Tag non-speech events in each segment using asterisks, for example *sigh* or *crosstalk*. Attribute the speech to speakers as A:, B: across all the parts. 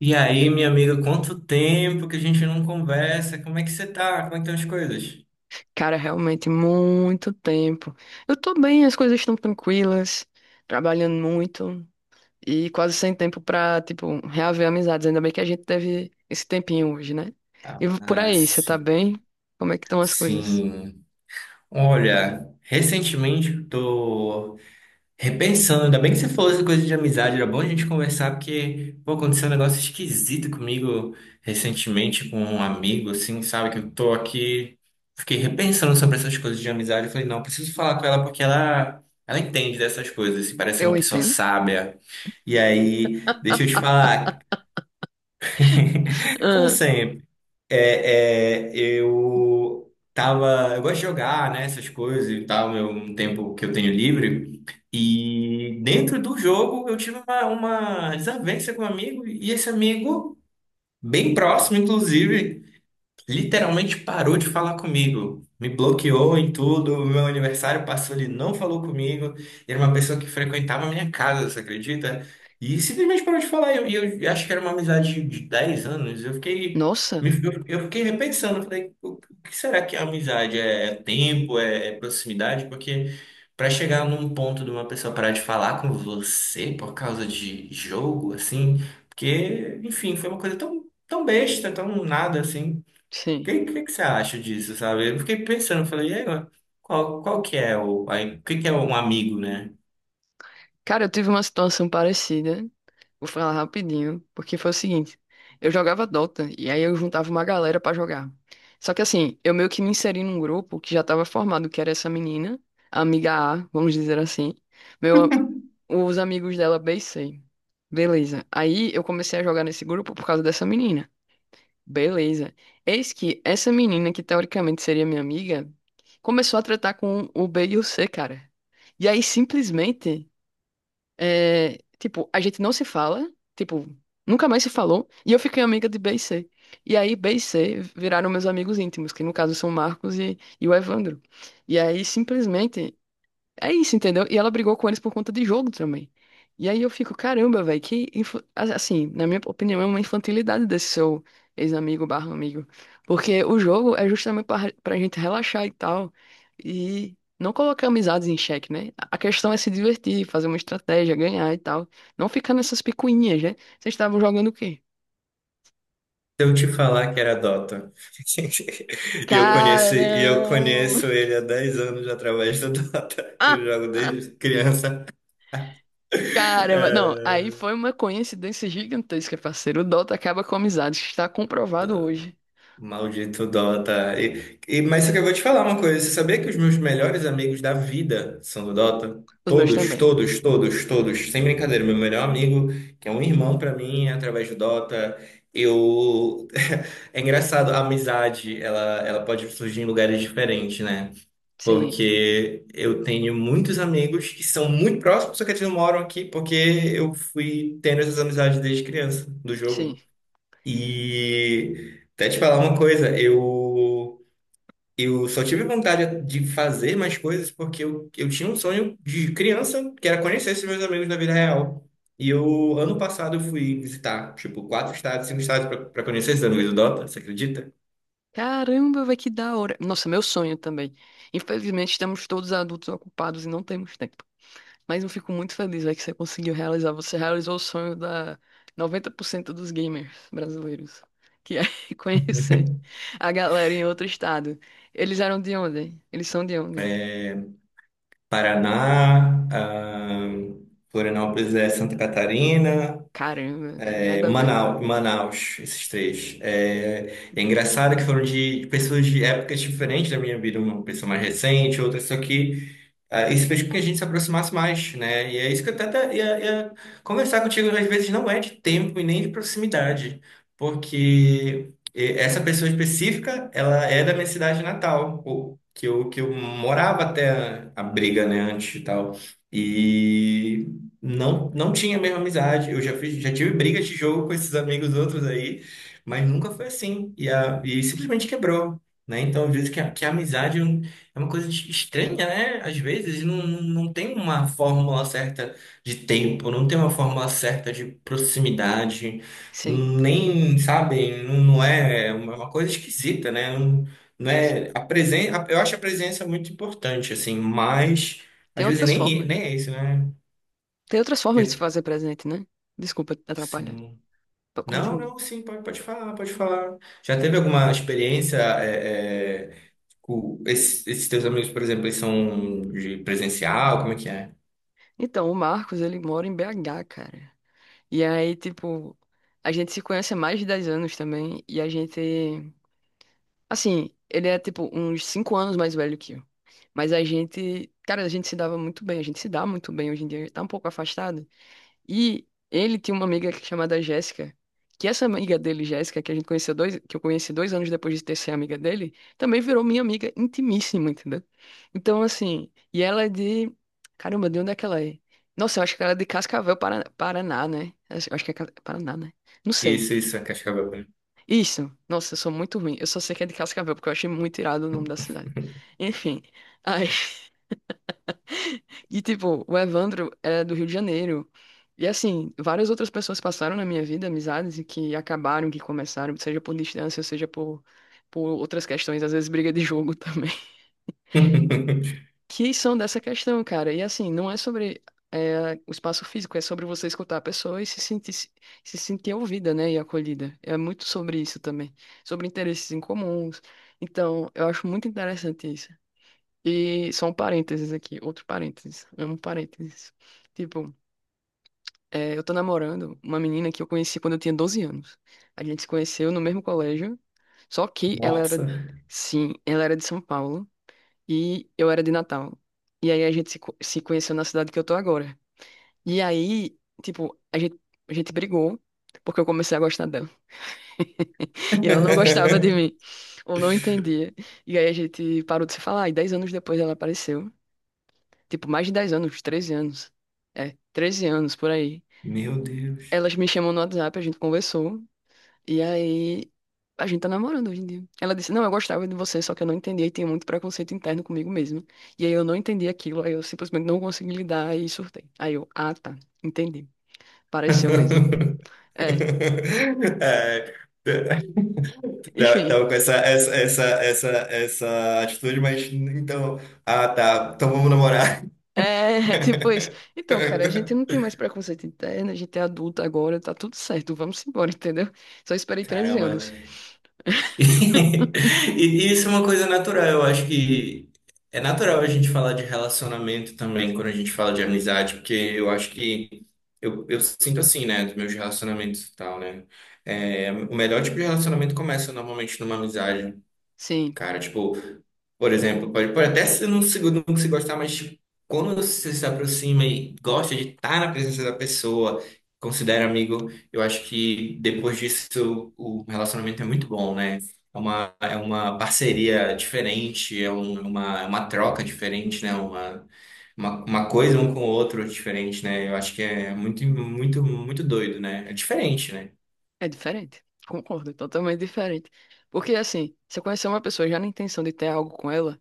A: E aí, minha amiga, quanto tempo que a gente não conversa? Como é que você tá? Como é que estão as coisas?
B: Cara, realmente muito tempo. Eu tô bem, as coisas estão tranquilas, trabalhando muito e quase sem tempo pra, tipo, reaver amizades. Ainda bem que a gente teve esse tempinho hoje, né? E por
A: Ah,
B: aí, você tá
A: sim.
B: bem? Como é que estão as coisas?
A: Sim. Olha, recentemente eu tô repensando, ainda bem que você falou essa coisa de amizade, era bom a gente conversar, porque, pô, aconteceu um negócio esquisito comigo recentemente com um amigo, assim, sabe? Que eu tô aqui, fiquei repensando sobre essas coisas de amizade. Eu falei, não, eu preciso falar com ela porque ela entende dessas coisas, assim, parece ser uma
B: Eu
A: pessoa
B: entendo. *laughs*
A: sábia. E aí, deixa eu te falar. *laughs* Como
B: Ah,
A: sempre, eu tava, eu gosto de jogar, né, essas coisas e tal, é um tempo que eu tenho livre, e dentro do jogo eu tive uma desavença com um amigo, e esse amigo, bem próximo, inclusive, literalmente parou de falar comigo, me bloqueou em tudo. O meu aniversário passou, ele não falou comigo. Era uma pessoa que frequentava a minha casa, você acredita? E simplesmente parou de falar. E eu acho que era uma amizade de 10 anos. Eu fiquei,
B: nossa,
A: eu fiquei repensando, eu falei, o que será que é amizade? É É tempo? É, é proximidade? Porque para chegar num ponto de uma pessoa parar de falar com você por causa de jogo, assim, porque, enfim, foi uma coisa tão, tão besta, tão nada assim
B: sim.
A: que você acha disso, sabe? Eu fiquei pensando, falei, e agora? Qual, qual que é o, aí, o que que é um amigo, né?
B: Cara, eu tive uma situação parecida. Vou falar rapidinho, porque foi o seguinte: eu jogava Dota e aí eu juntava uma galera pra jogar. Só que assim, eu meio que me inseri num grupo que já tava formado, que era essa menina, a amiga A, vamos dizer assim, meu, os amigos dela B e C. Beleza. Aí eu comecei a jogar nesse grupo por causa dessa menina. Beleza. Eis que essa menina, que teoricamente seria minha amiga, começou a tratar com o B e o C, cara. E aí simplesmente. É, tipo, a gente não se fala, tipo, nunca mais se falou, e eu fiquei amiga de B e C. E aí B e C viraram meus amigos íntimos, que no caso são o Marcos e o Evandro. E aí simplesmente é isso, entendeu? E ela brigou com eles por conta de jogo também. E aí eu fico, caramba, velho, assim, na minha opinião, é uma infantilidade desse seu ex-amigo barra amigo. Porque o jogo é justamente pra gente relaxar e tal. E não colocar amizades em xeque, né? A questão é se divertir, fazer uma estratégia, ganhar e tal. Não ficar nessas picuinhas, né? Vocês estavam jogando o quê?
A: Se eu te falar que era Dota, *laughs* e eu
B: Caramba!
A: conheço ele há 10 anos através do Dota, eu jogo
B: *laughs*
A: desde criança.
B: Caramba, não, aí
A: *laughs*
B: foi uma coincidência gigantesca, parceiro. O Dota acaba com amizades, está comprovado hoje.
A: Maldito Dota. E, mas só que eu vou te falar uma coisa. Você sabia que os meus melhores amigos da vida são do Dota?
B: Os meus
A: Todos,
B: também.
A: todos, todos, todos. Sem brincadeira. Meu melhor amigo, que é um irmão pra mim, é através do Dota. Eu... *laughs* É engraçado, a amizade, ela pode surgir em lugares diferentes, né?
B: Sim,
A: Porque eu tenho muitos amigos que são muito próximos, só que eles não moram aqui, porque eu fui tendo essas amizades desde criança, do
B: sim.
A: jogo. E até te falar uma coisa, eu só tive vontade de fazer mais coisas porque eu tinha um sonho de criança, que era conhecer esses meus amigos na vida real. E eu, ano passado, eu fui visitar, tipo, 4 estados, 5 estados para conhecer esses amigos do Dota, você acredita?
B: Caramba, vai que da hora. Nossa, meu sonho também. Infelizmente, estamos todos adultos ocupados e não temos tempo. Mas eu fico muito feliz, véi, que você conseguiu realizar. Você realizou o sonho da 90% dos gamers brasileiros, que é *laughs* conhecer a galera em outro estado. Eles eram de onde? Eles são de onde?
A: É, Paraná, ah, Florianópolis é Santa Catarina.
B: Caramba, velho,
A: É,
B: nada a ver.
A: Manaus, esses três. É, é engraçado que foram de pessoas de épocas diferentes da minha vida, uma pessoa mais recente, outra, só que ah, isso fez com que a gente se aproximasse mais, né? E é isso que eu até ia, ia conversar contigo, às vezes não é de tempo e nem de proximidade, porque eh, essa pessoa específica, ela é da minha cidade natal, que eu morava até a briga, né, antes e tal. E não, não tinha a mesma amizade. Eu já fiz, já tive brigas de jogo com esses amigos outros aí, mas nunca foi assim. E, a, e simplesmente quebrou. Né? Então, eu vejo que a amizade é uma coisa estranha, né? Às vezes não, não tem uma fórmula certa de tempo, não tem uma fórmula certa de proximidade,
B: Sim.
A: nem, sabe, não, não é uma coisa esquisita, né? Não, não
B: Sim.
A: é a presença. Eu acho a presença muito importante, assim, mas
B: Tem
A: às vezes
B: outras
A: nem,
B: formas,
A: nem
B: né?
A: é isso, né?
B: Tem outras
A: Já,
B: formas de se fazer presente, né? Desculpa atrapalhar.
A: assim, não,
B: Continue.
A: não, sim, pode, pode falar, pode falar. Já teve alguma experiência, é, é, com esses, esses teus amigos, por exemplo, eles são de presencial, como é que é?
B: Então, o Marcos, ele mora em BH, cara. E aí, tipo, a gente se conhece há mais de 10 anos também. E a gente, assim, ele é, tipo, uns 5 anos mais velho que eu. Mas a gente, cara, a gente se dava muito bem. A gente se dá muito bem hoje em dia. Tá um pouco afastado. E ele tinha uma amiga chamada Jéssica, que essa amiga dele, Jéssica, que a gente conheceu dois, que eu conheci 2 anos depois de ter sido amiga dele, também virou minha amiga intimíssima, entendeu? Então, assim, e ela é de. Caramba, de onde é que ela é? Nossa, eu acho que ela é de Cascavel, Paraná, Paraná, né? Eu acho que é Paraná, né? Não sei.
A: Isso, é Cascavel mesmo.
B: Isso. Nossa, eu sou muito ruim. Eu só sei que é de Cascavel, porque eu achei muito irado o nome da cidade. Enfim. Aí. E, tipo, o Evandro é do Rio de Janeiro. E, assim, várias outras pessoas passaram na minha vida, amizades, e que acabaram, que começaram, seja por distância, seja por outras questões, às vezes briga de jogo *laughs* também,
A: *laughs*
B: que são dessa questão, cara. E, assim, não é sobre o espaço físico, é sobre você escutar a pessoa e se sentir ouvida, né, e acolhida. É muito sobre isso também, sobre interesses em comuns. Então, eu acho muito interessante isso. E só um parênteses aqui, outro parênteses, amo parênteses. Tipo, eu tô namorando uma menina que eu conheci quando eu tinha 12 anos. A gente se conheceu no mesmo colégio, só que ela era,
A: Nossa.
B: sim, ela era de São Paulo e eu era de Natal. E aí a gente se conheceu na cidade que eu tô agora. E aí, tipo, a gente brigou porque eu comecei a gostar dela. *laughs* E ela não gostava de
A: *laughs*
B: mim, ou não entendia. E aí a gente parou de se falar, e 10 anos depois ela apareceu. Tipo, mais de 10 anos, 13 anos. 13 anos por aí.
A: Meu Deus.
B: Elas me chamam no WhatsApp, a gente conversou. E aí, a gente tá namorando hoje em dia. Ela disse, não, eu gostava de você, só que eu não entendia e tinha muito preconceito interno comigo mesmo. E aí eu não entendi aquilo, aí eu simplesmente não consegui lidar e surtei. Aí eu, ah, tá, entendi. Pareceu mesmo.
A: *laughs*
B: É,
A: É, tava
B: enfim.
A: com essa, essa, essa, essa, essa atitude, mas então. Ah, tá. Então vamos namorar.
B: *laughs* Tipo isso. Então, cara, a
A: *laughs*
B: gente não tem mais preconceito interno, a gente é adulta agora, tá tudo certo, vamos embora, *laughs* entendeu? Só esperei 13
A: Caramba.
B: anos.
A: *laughs* E, e isso é uma coisa natural. Eu acho que é natural a gente falar de relacionamento também quando a gente fala de amizade, porque eu acho que. Eu sinto assim, né, dos meus relacionamentos e tal, né? É, o melhor tipo de relacionamento começa normalmente numa amizade.
B: Sim,
A: Cara, tipo, por exemplo, pode, pode até se não se gostar, mas tipo, quando você se aproxima e gosta de estar na presença da pessoa, considera amigo, eu acho que depois disso o relacionamento é muito bom, né? É uma parceria diferente, é é uma troca diferente, né? Uma coisa um com o outro diferente, né? Eu acho que é muito, muito, muito doido, né? É diferente, né?
B: é diferente. Concordo, é totalmente diferente. Porque, assim, você conhecer uma pessoa já na intenção de ter algo com ela,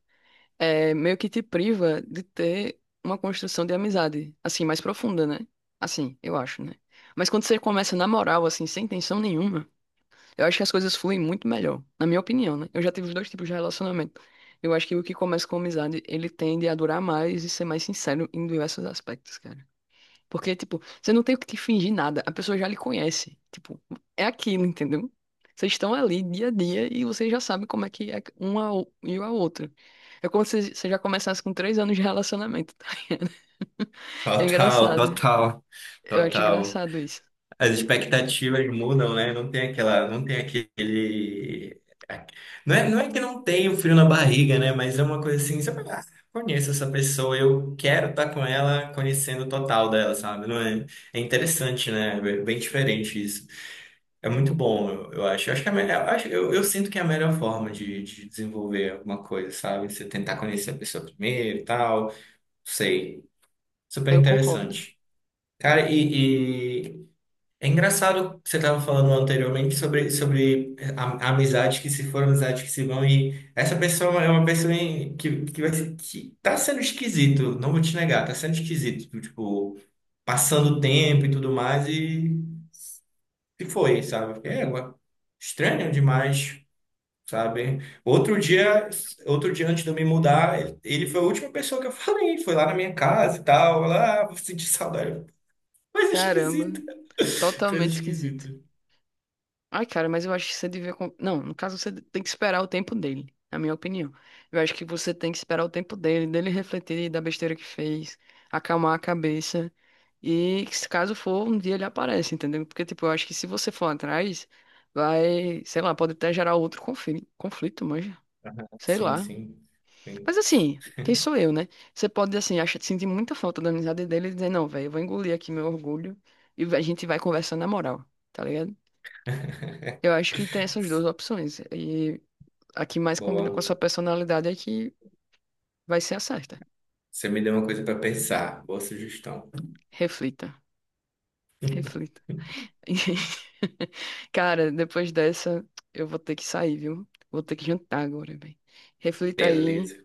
B: meio que te priva de ter uma construção de amizade, assim, mais profunda, né? Assim, eu acho, né? Mas quando você começa na moral, assim, sem intenção nenhuma, eu acho que as coisas fluem muito melhor, na minha opinião, né? Eu já tive os dois tipos de relacionamento. Eu acho que o que começa com amizade, ele tende a durar mais e ser mais sincero em diversos aspectos, cara. Porque, tipo, você não tem o que te fingir nada. A pessoa já lhe conhece. Tipo, é aquilo, entendeu? Vocês estão ali dia a dia e você já sabe como é que é uma e a outra. É como se você já começasse com 3 anos de relacionamento, tá ligado? *laughs* É
A: Total,
B: engraçado.
A: total,
B: Eu acho
A: total.
B: engraçado isso.
A: As expectativas mudam, né? Não tem aquela, não tem aquele. Não é, não é que não tem o frio na barriga, né? Mas é uma coisa assim, você fala, ah, conheço essa pessoa, eu quero estar com ela, conhecendo o total dela, sabe? Não é, é interessante, né? É bem diferente isso. É muito
B: Co-
A: bom, eu acho. Eu acho que é a melhor, eu sinto que é a melhor forma de desenvolver alguma coisa, sabe? Você tentar conhecer a pessoa primeiro e tal. Sei. Super
B: Eu concordo.
A: interessante.
B: Eu
A: Cara,
B: concordo.
A: e é engraçado que você estava falando anteriormente sobre, sobre a amizade que se foram, amizades que se vão, e essa pessoa é uma pessoa que, que tá sendo esquisito, não vou te negar, tá sendo esquisito, tipo, passando o tempo e tudo mais, e foi, sabe? É, ué, estranho demais, sabe? Outro dia antes de eu me mudar, ele foi a última pessoa que eu falei, foi lá na minha casa e tal, lá, ah, vou sentir saudade. Coisa
B: Caramba,
A: esquisita, *laughs* coisa
B: totalmente esquisito.
A: esquisita.
B: Ai, cara, mas eu acho que você devia. Não, no caso você tem que esperar o tempo dele, na minha opinião. Eu acho que você tem que esperar o tempo dele, dele refletir da besteira que fez, acalmar a cabeça. E que se caso for, um dia ele aparece, entendeu? Porque, tipo, eu acho que se você for atrás, vai, sei lá, pode até gerar outro conflito, conflito, manja. Sei
A: Sim,
B: lá.
A: sim. Sim.
B: Mas assim, quem sou eu, né? Você pode, assim, acha, sentir muita falta da amizade dele e dizer, não, velho, eu vou engolir aqui meu orgulho e a gente vai conversar na moral, tá ligado?
A: *laughs*
B: Eu acho que tem essas duas opções. E a que mais combina com a sua
A: Boa.
B: personalidade é que vai ser a certa.
A: Você me deu uma coisa para pensar. Boa sugestão.
B: Reflita, reflita. *laughs* E, cara, depois dessa, eu vou ter que sair, viu? Vou ter que jantar agora, bem. Reflita aí
A: Beleza.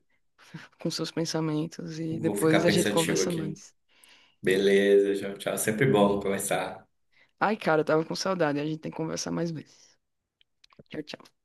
B: com seus pensamentos e
A: Vou ficar
B: depois a gente
A: pensativo
B: conversa
A: aqui.
B: mais.
A: Beleza, tchau, tchau. Sempre bom conversar.
B: Ai, cara, eu tava com saudade. A gente tem que conversar mais vezes. Tchau, tchau.